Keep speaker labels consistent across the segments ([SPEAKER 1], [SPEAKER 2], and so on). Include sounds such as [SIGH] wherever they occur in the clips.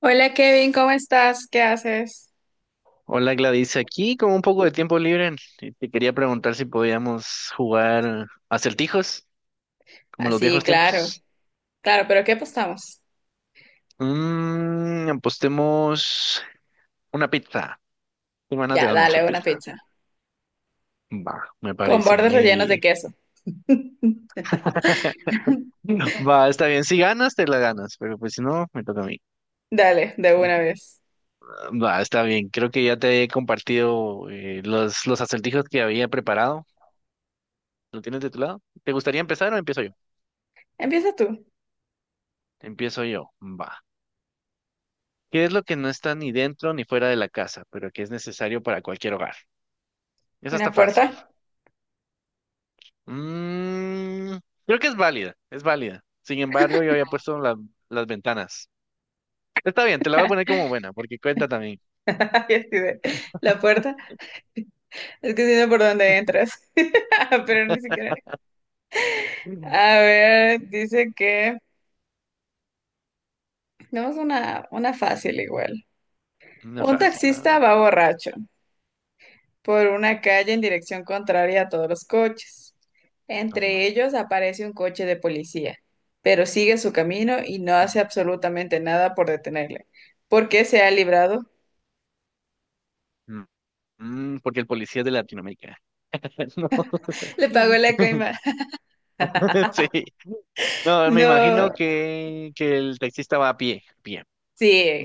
[SPEAKER 1] Hola Kevin, ¿cómo estás? ¿Qué haces?
[SPEAKER 2] Hola Gladys, aquí con un poco de tiempo libre, y te quería preguntar si podíamos jugar acertijos,
[SPEAKER 1] Así,
[SPEAKER 2] como en los
[SPEAKER 1] Sí,
[SPEAKER 2] viejos
[SPEAKER 1] claro.
[SPEAKER 2] tiempos.
[SPEAKER 1] Claro, pero ¿qué apostamos?
[SPEAKER 2] Apostemos una pizza. Tengo ganas de
[SPEAKER 1] Ya,
[SPEAKER 2] almorzar
[SPEAKER 1] dale, una
[SPEAKER 2] pizza.
[SPEAKER 1] pizza.
[SPEAKER 2] Va, me
[SPEAKER 1] Con
[SPEAKER 2] parece.
[SPEAKER 1] bordes rellenos de
[SPEAKER 2] Y-
[SPEAKER 1] queso.
[SPEAKER 2] [LAUGHS] Va, está bien. Si ganas, te la ganas, pero pues si no, me toca a mí.
[SPEAKER 1] Dale, de una vez.
[SPEAKER 2] Va, está bien. Creo que ya te he compartido los acertijos que había preparado. ¿Lo tienes de tu lado? ¿Te gustaría empezar o empiezo yo?
[SPEAKER 1] Empieza tú.
[SPEAKER 2] Empiezo yo. Va. ¿Qué es lo que no está ni dentro ni fuera de la casa, pero que es necesario para cualquier hogar? Esa está
[SPEAKER 1] Una
[SPEAKER 2] fácil.
[SPEAKER 1] puerta.
[SPEAKER 2] Mm, creo que es válida, es válida. Sin embargo, yo había puesto la- las ventanas. Está bien, te la voy a poner como buena, porque cuenta también.
[SPEAKER 1] [LAUGHS] Ay, la puerta. Es que si no, ¿por dónde entras? [LAUGHS] Pero ni siquiera.
[SPEAKER 2] Mm.
[SPEAKER 1] A ver, dice que... Tenemos una fácil igual.
[SPEAKER 2] No es
[SPEAKER 1] Un
[SPEAKER 2] fácil, no,
[SPEAKER 1] taxista
[SPEAKER 2] no,
[SPEAKER 1] va borracho por una calle en dirección contraria a todos los coches.
[SPEAKER 2] ajá.
[SPEAKER 1] Entre ellos aparece un coche de policía, pero sigue su camino y no
[SPEAKER 2] Mm,
[SPEAKER 1] hace absolutamente nada por detenerle. ¿Por qué se ha librado?
[SPEAKER 2] mm, porque el policía es de Latinoamérica. [LAUGHS] No. [LAUGHS]
[SPEAKER 1] [LAUGHS] Le pagó la coima. [LAUGHS]
[SPEAKER 2] Sí. No, me
[SPEAKER 1] No.
[SPEAKER 2] imagino que el taxista va a pie, a pie.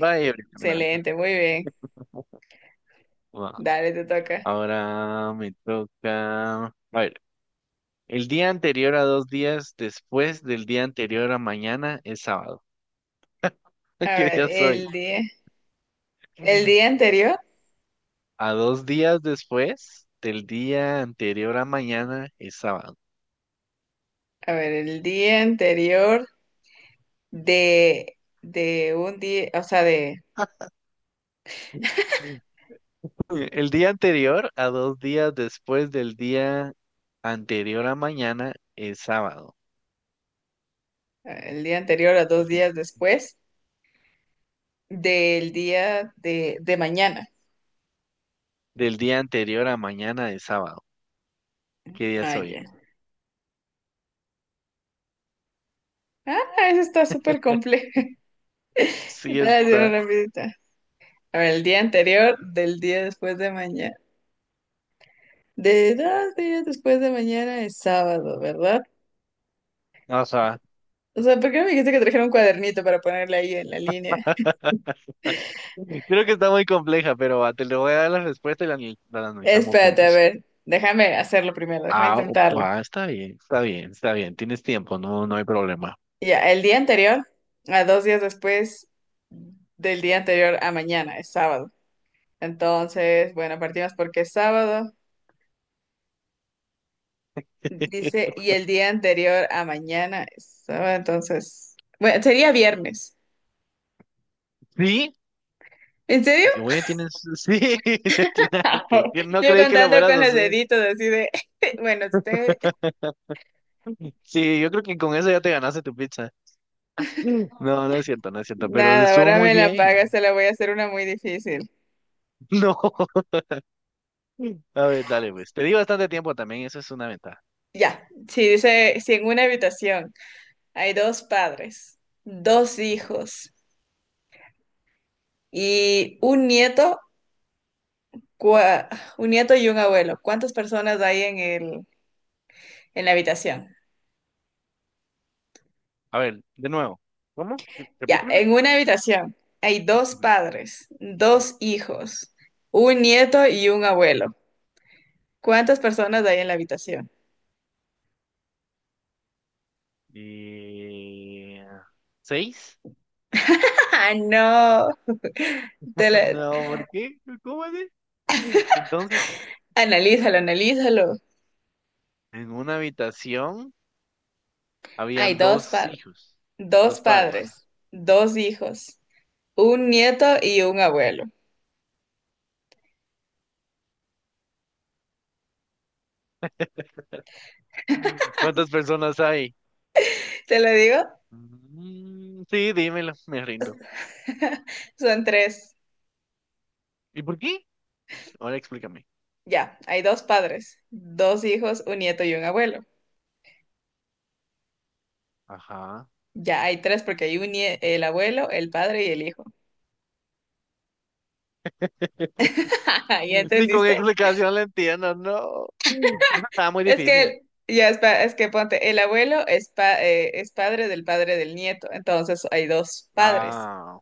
[SPEAKER 2] Va a ir caminando.
[SPEAKER 1] excelente, muy bien.
[SPEAKER 2] Va.
[SPEAKER 1] Dale, te toca.
[SPEAKER 2] Ahora me toca. A ver. El día anterior a dos días después del día anterior a mañana es sábado. [LAUGHS]
[SPEAKER 1] A
[SPEAKER 2] ¿Qué
[SPEAKER 1] ver,
[SPEAKER 2] día soy?
[SPEAKER 1] el día anterior,
[SPEAKER 2] A dos días después del día anterior a mañana es sábado.
[SPEAKER 1] a ver, el día anterior de un día, o sea, de,
[SPEAKER 2] El día anterior a dos días después del día anterior a mañana es sábado.
[SPEAKER 1] el día anterior a dos
[SPEAKER 2] El día-
[SPEAKER 1] días después del día de mañana.
[SPEAKER 2] Del día anterior a mañana es sábado. ¿Qué día
[SPEAKER 1] Ah, ya.
[SPEAKER 2] soy?
[SPEAKER 1] Ah, eso está súper complejo. [LAUGHS]
[SPEAKER 2] Sí
[SPEAKER 1] Estaba haciendo
[SPEAKER 2] está.
[SPEAKER 1] una visita. A ver, el día anterior del día después de mañana. De dos días después de mañana es sábado, ¿verdad?
[SPEAKER 2] No, o sea,
[SPEAKER 1] O sea, ¿por qué no me dijiste que trajera un cuadernito para ponerle ahí en la línea?
[SPEAKER 2] [LAUGHS] creo que está muy compleja, pero va, te le voy a dar la respuesta y la analizamos
[SPEAKER 1] Espérate, a
[SPEAKER 2] juntos.
[SPEAKER 1] ver, déjame hacerlo primero, déjame
[SPEAKER 2] Ah, o-
[SPEAKER 1] intentarlo.
[SPEAKER 2] va, está bien, está bien, está bien. Tienes tiempo, no, no hay problema.
[SPEAKER 1] Ya, el día anterior, a dos días después del día anterior a mañana, es sábado. Entonces, bueno, partimos porque es sábado. Dice,
[SPEAKER 2] [LAUGHS]
[SPEAKER 1] y el día anterior a mañana es sábado, entonces, bueno, sería viernes.
[SPEAKER 2] ¿Sí?
[SPEAKER 1] ¿En serio?
[SPEAKER 2] Oye, tienes. Sí, [LAUGHS] le atinaste. Que
[SPEAKER 1] [LAUGHS]
[SPEAKER 2] No
[SPEAKER 1] Yo
[SPEAKER 2] creí que lo
[SPEAKER 1] contando
[SPEAKER 2] fueras
[SPEAKER 1] con
[SPEAKER 2] a
[SPEAKER 1] los
[SPEAKER 2] hacer.
[SPEAKER 1] deditos, así de, [LAUGHS] bueno, si tengo,
[SPEAKER 2] Sí, yo creo que con eso ya te ganaste tu pizza. [CLEARS THROAT] [LAUGHS] No, no es cierto, no es cierto, pero
[SPEAKER 1] nada,
[SPEAKER 2] estuvo
[SPEAKER 1] ahora
[SPEAKER 2] muy
[SPEAKER 1] me la
[SPEAKER 2] bien.
[SPEAKER 1] paga,
[SPEAKER 2] [LAUGHS]
[SPEAKER 1] se la voy a hacer una muy difícil.
[SPEAKER 2] No. A ver, dale, pues. Te di bastante tiempo también, eso es una ventaja.
[SPEAKER 1] Ya, si dice, si en una habitación hay dos padres, dos
[SPEAKER 2] Ujú.
[SPEAKER 1] hijos y un nieto, cua- un nieto y un abuelo, ¿cuántas personas hay en la habitación?
[SPEAKER 2] A ver, de nuevo. ¿Cómo? Sí,
[SPEAKER 1] Ya,
[SPEAKER 2] repítemelo.
[SPEAKER 1] en una habitación hay dos
[SPEAKER 2] Ujú.
[SPEAKER 1] padres, dos hijos, un nieto y un abuelo. ¿Cuántas personas hay en la habitación?
[SPEAKER 2] Y... ¿Seis?
[SPEAKER 1] [LAUGHS] ¡Ah, no! Te
[SPEAKER 2] [LAUGHS]
[SPEAKER 1] la-
[SPEAKER 2] No, ¿por qué? ¿Cómo así? Entonces.
[SPEAKER 1] Analízalo, analízalo.
[SPEAKER 2] En una habitación
[SPEAKER 1] Hay
[SPEAKER 2] habían
[SPEAKER 1] dos
[SPEAKER 2] dos
[SPEAKER 1] pa-
[SPEAKER 2] hijos,
[SPEAKER 1] dos
[SPEAKER 2] dos
[SPEAKER 1] padres,
[SPEAKER 2] padres.
[SPEAKER 1] dos hijos, un nieto y un abuelo.
[SPEAKER 2] Mm. ¿Cuántas personas hay?
[SPEAKER 1] ¿Te lo digo?
[SPEAKER 2] Mm, sí, dímelo, [LAUGHS] me rindo.
[SPEAKER 1] [LAUGHS] Son tres.
[SPEAKER 2] ¿Y por qué? Ahora explícame.
[SPEAKER 1] Ya, hay dos padres, dos hijos, un nieto y un abuelo.
[SPEAKER 2] Ajá.
[SPEAKER 1] Ya, hay tres porque el abuelo, el padre y el hijo. [LAUGHS] ¿Ya
[SPEAKER 2] Ni con
[SPEAKER 1] entendiste?
[SPEAKER 2] explicación le entiendo, no. Mm. Eso estaba muy
[SPEAKER 1] Es
[SPEAKER 2] difícil.
[SPEAKER 1] que, ya es, es que ponte, el abuelo es, es padre del nieto, entonces hay dos padres.
[SPEAKER 2] Ah,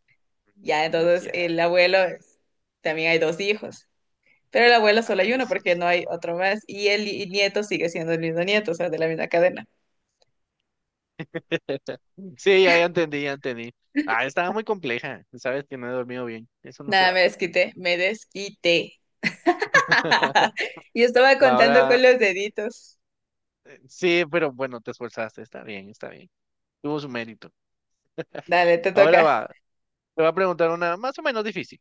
[SPEAKER 1] Ya,
[SPEAKER 2] mm, es cierto.
[SPEAKER 1] también hay dos hijos, pero el abuelo solo hay
[SPEAKER 2] Ahí es
[SPEAKER 1] uno
[SPEAKER 2] cierto.
[SPEAKER 1] porque no hay otro más y el nieto sigue siendo el mismo nieto, o sea, de la misma cadena.
[SPEAKER 2] [LAUGHS] Sí, ya, ya entendí, ya entendí. Ah, estaba muy compleja. Sabes que no he dormido bien. Eso no se
[SPEAKER 1] Nada,
[SPEAKER 2] va.
[SPEAKER 1] me desquité.
[SPEAKER 2] [LAUGHS]
[SPEAKER 1] [LAUGHS] Y estaba
[SPEAKER 2] Va,
[SPEAKER 1] contando
[SPEAKER 2] ahora,
[SPEAKER 1] con los deditos.
[SPEAKER 2] sí, pero bueno, te esforzaste. Está bien, está bien. Tuvo su mérito.
[SPEAKER 1] Dale, te
[SPEAKER 2] Ahora
[SPEAKER 1] toca.
[SPEAKER 2] va, te voy a preguntar una más o menos difícil.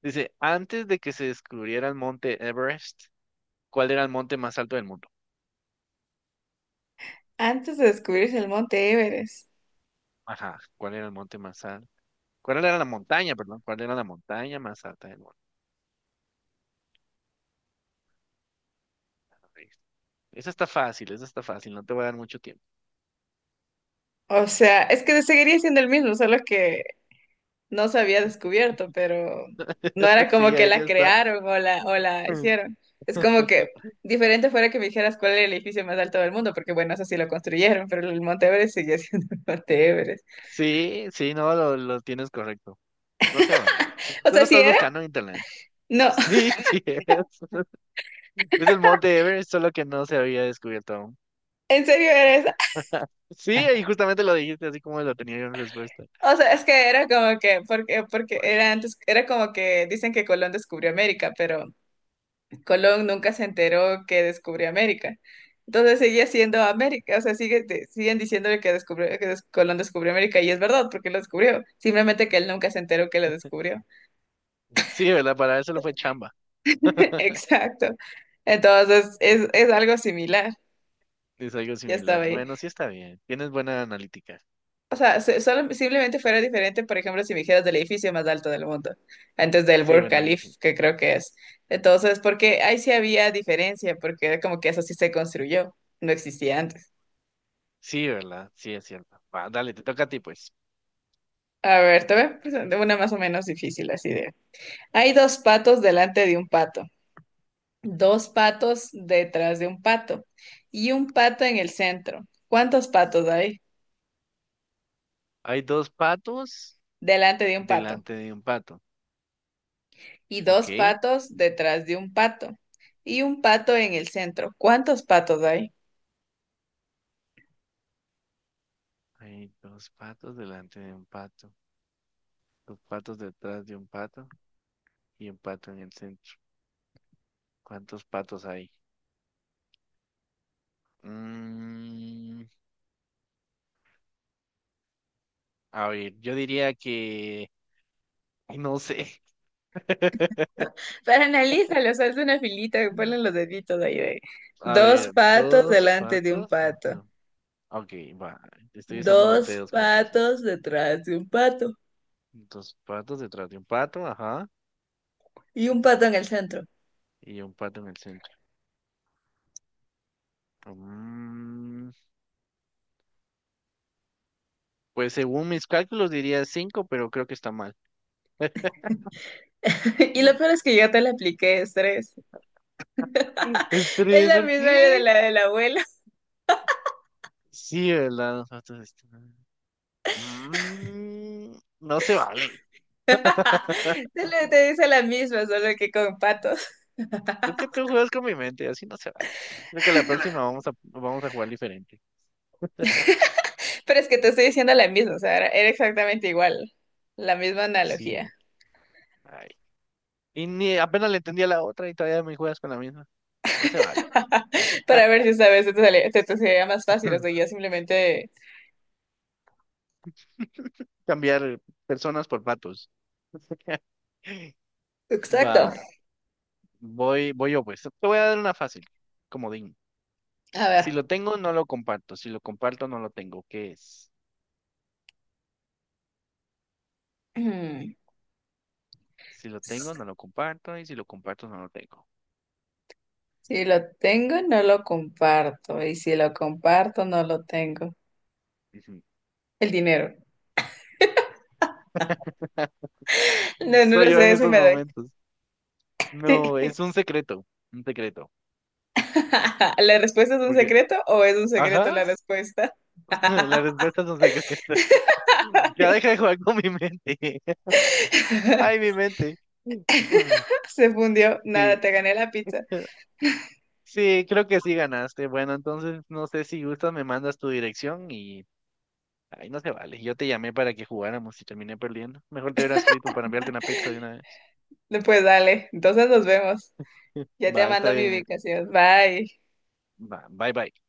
[SPEAKER 2] Dice, antes de que se descubriera el monte Everest, ¿cuál era el monte más alto del mundo?
[SPEAKER 1] Antes de descubrirse el monte Everest.
[SPEAKER 2] Ajá, ¿cuál era el monte más alto? ¿Cuál era la montaña, perdón? ¿Cuál era la montaña más alta del mundo? Ahí está. Esa está fácil, no te voy a dar mucho tiempo.
[SPEAKER 1] O sea, es que seguiría siendo el mismo, solo que no se había descubierto, pero no
[SPEAKER 2] [LAUGHS]
[SPEAKER 1] era como
[SPEAKER 2] Sí,
[SPEAKER 1] que
[SPEAKER 2] ahí
[SPEAKER 1] la
[SPEAKER 2] está.
[SPEAKER 1] crearon o la
[SPEAKER 2] [LAUGHS]
[SPEAKER 1] hicieron. Es como que diferente fuera que me dijeras cuál es el edificio más alto del mundo, porque bueno, eso sí lo construyeron, pero el Monte Everest sigue siendo [LAUGHS] el Monte Everest.
[SPEAKER 2] Sí, sí, no, lo tienes correcto. No sé, hombre. Tú
[SPEAKER 1] O
[SPEAKER 2] lo
[SPEAKER 1] sea, ¿sí
[SPEAKER 2] estás
[SPEAKER 1] era?
[SPEAKER 2] buscando en internet.
[SPEAKER 1] No, [LAUGHS]
[SPEAKER 2] Sí, [LAUGHS] sí es. Es el monte Everest, solo que no se había descubierto aún.
[SPEAKER 1] en serio era esa.
[SPEAKER 2] Sí, y
[SPEAKER 1] [LAUGHS]
[SPEAKER 2] justamente lo dijiste así como lo tenía yo en respuesta.
[SPEAKER 1] O sea, es que era como que, porque
[SPEAKER 2] Uy,
[SPEAKER 1] era antes, era como que dicen que Colón descubrió América, pero Colón nunca se enteró que descubrió América. Entonces sigue siendo América, o sea, sigue, siguen diciéndole que, Colón descubrió América y es verdad porque lo descubrió, simplemente que él nunca se enteró que lo descubrió.
[SPEAKER 2] sí, ¿verdad? Para eso lo fue chamba.
[SPEAKER 1] [LAUGHS]
[SPEAKER 2] [LAUGHS]
[SPEAKER 1] Exacto. Entonces es algo similar,
[SPEAKER 2] Es algo
[SPEAKER 1] ya
[SPEAKER 2] similar.
[SPEAKER 1] estaba ahí.
[SPEAKER 2] Bueno, sí está bien. Tienes buena analítica.
[SPEAKER 1] O sea, simplemente fuera diferente, por ejemplo, si me dijeras del edificio más alto del mundo, antes del
[SPEAKER 2] Sí,
[SPEAKER 1] Burj
[SPEAKER 2] bueno, ahí
[SPEAKER 1] Khalifa,
[SPEAKER 2] sí.
[SPEAKER 1] que creo que es. Entonces, porque ahí sí había diferencia, porque era como que eso sí se construyó, no existía antes.
[SPEAKER 2] Sí, ¿verdad? Sí, es cierto. Va, dale, te toca a ti, pues.
[SPEAKER 1] A ver, te voy a presentar una más o menos difícil, así de. Hay dos patos delante de un pato, dos patos detrás de un pato y un pato en el centro. ¿Cuántos patos hay
[SPEAKER 2] Hay dos patos
[SPEAKER 1] delante de un pato?
[SPEAKER 2] delante de un pato.
[SPEAKER 1] Y dos
[SPEAKER 2] Ok.
[SPEAKER 1] patos detrás de un pato y un pato en el centro. ¿Cuántos patos hay?
[SPEAKER 2] Hay dos patos delante de un pato. Dos patos detrás de un pato y un pato en el centro. ¿Cuántos patos hay? Mm, a ver, yo diría que... [LAUGHS] ay, no sé. [LAUGHS]
[SPEAKER 1] Pero analízalo, o sea, haz una filita, ponle los deditos ahí de.
[SPEAKER 2] A
[SPEAKER 1] Dos
[SPEAKER 2] ver,
[SPEAKER 1] patos
[SPEAKER 2] dos
[SPEAKER 1] delante de un
[SPEAKER 2] patas.
[SPEAKER 1] pato,
[SPEAKER 2] Otro- Ok, va. Estoy usando los
[SPEAKER 1] dos
[SPEAKER 2] dedos, como tú dices.
[SPEAKER 1] patos detrás de un pato
[SPEAKER 2] Dos patas detrás de un pato, ajá.
[SPEAKER 1] y un pato en el centro.
[SPEAKER 2] Y un pato en el centro. Mm, pues según mis cálculos diría cinco, pero creo que está mal.
[SPEAKER 1] [LAUGHS] Y lo peor
[SPEAKER 2] [LAUGHS]
[SPEAKER 1] es que yo te la apliqué estrés.
[SPEAKER 2] Es
[SPEAKER 1] Es
[SPEAKER 2] tres,
[SPEAKER 1] la
[SPEAKER 2] ¿por
[SPEAKER 1] misma de
[SPEAKER 2] qué?
[SPEAKER 1] la abuela.
[SPEAKER 2] Sí, ¿verdad? Los patos están- Mm, no se vale.
[SPEAKER 1] [LAUGHS] Te dice la misma, solo que con patos.
[SPEAKER 2] Es que tú juegas con mi mente, así no se vale. Creo que la próxima vamos a jugar diferente.
[SPEAKER 1] Pero es que te estoy diciendo la misma, o sea, era exactamente igual. La misma analogía.
[SPEAKER 2] Sí. Ay. Y ni apenas le entendía la otra y todavía me juegas con la misma. No se vale.
[SPEAKER 1] Para ver si esta vez te sería más fácil, o sea,
[SPEAKER 2] [LAUGHS]
[SPEAKER 1] yo simplemente...
[SPEAKER 2] Cambiar personas por patos. [LAUGHS]
[SPEAKER 1] Exacto.
[SPEAKER 2] Va, voy yo pues. Te voy a dar una fácil, comodín.
[SPEAKER 1] A
[SPEAKER 2] Si
[SPEAKER 1] ver.
[SPEAKER 2] lo
[SPEAKER 1] [CLEARS THROAT]
[SPEAKER 2] tengo, no lo comparto. Si lo comparto, no lo tengo. ¿Qué es?
[SPEAKER 1] Mm.
[SPEAKER 2] Si lo tengo, no lo comparto. Y si lo comparto, no lo tengo.
[SPEAKER 1] Si lo tengo, no lo comparto. Y si lo comparto, no lo tengo.
[SPEAKER 2] Ujú.
[SPEAKER 1] El dinero.
[SPEAKER 2] [LAUGHS]
[SPEAKER 1] No, no lo
[SPEAKER 2] Soy yo en
[SPEAKER 1] sé, si
[SPEAKER 2] estos
[SPEAKER 1] me doy.
[SPEAKER 2] momentos. No,
[SPEAKER 1] [LAUGHS]
[SPEAKER 2] es un secreto. Un secreto.
[SPEAKER 1] [LAUGHS] ¿La respuesta es un
[SPEAKER 2] Porque,
[SPEAKER 1] secreto o es un secreto
[SPEAKER 2] ajá,
[SPEAKER 1] la respuesta?
[SPEAKER 2] [LAUGHS] las respuestas son secretas. [LAUGHS] Ya deja de jugar con mi mente. Ay,
[SPEAKER 1] [LAUGHS]
[SPEAKER 2] mi mente. Mm,
[SPEAKER 1] Se fundió. Nada,
[SPEAKER 2] Sí,
[SPEAKER 1] te gané la pizza.
[SPEAKER 2] eh, sí, creo que sí ganaste. Bueno, entonces no sé si gustas, me mandas tu dirección y ay, no se vale. Yo te llamé para que jugáramos y terminé perdiendo. Mejor te hubiera escrito para enviarte una pizza de una vez.
[SPEAKER 1] No, pues dale. Entonces nos vemos.
[SPEAKER 2] [LAUGHS]
[SPEAKER 1] Ya te
[SPEAKER 2] Va, está
[SPEAKER 1] mando mi
[SPEAKER 2] bien, güey.
[SPEAKER 1] ubicación. Bye.
[SPEAKER 2] Va, bye bye.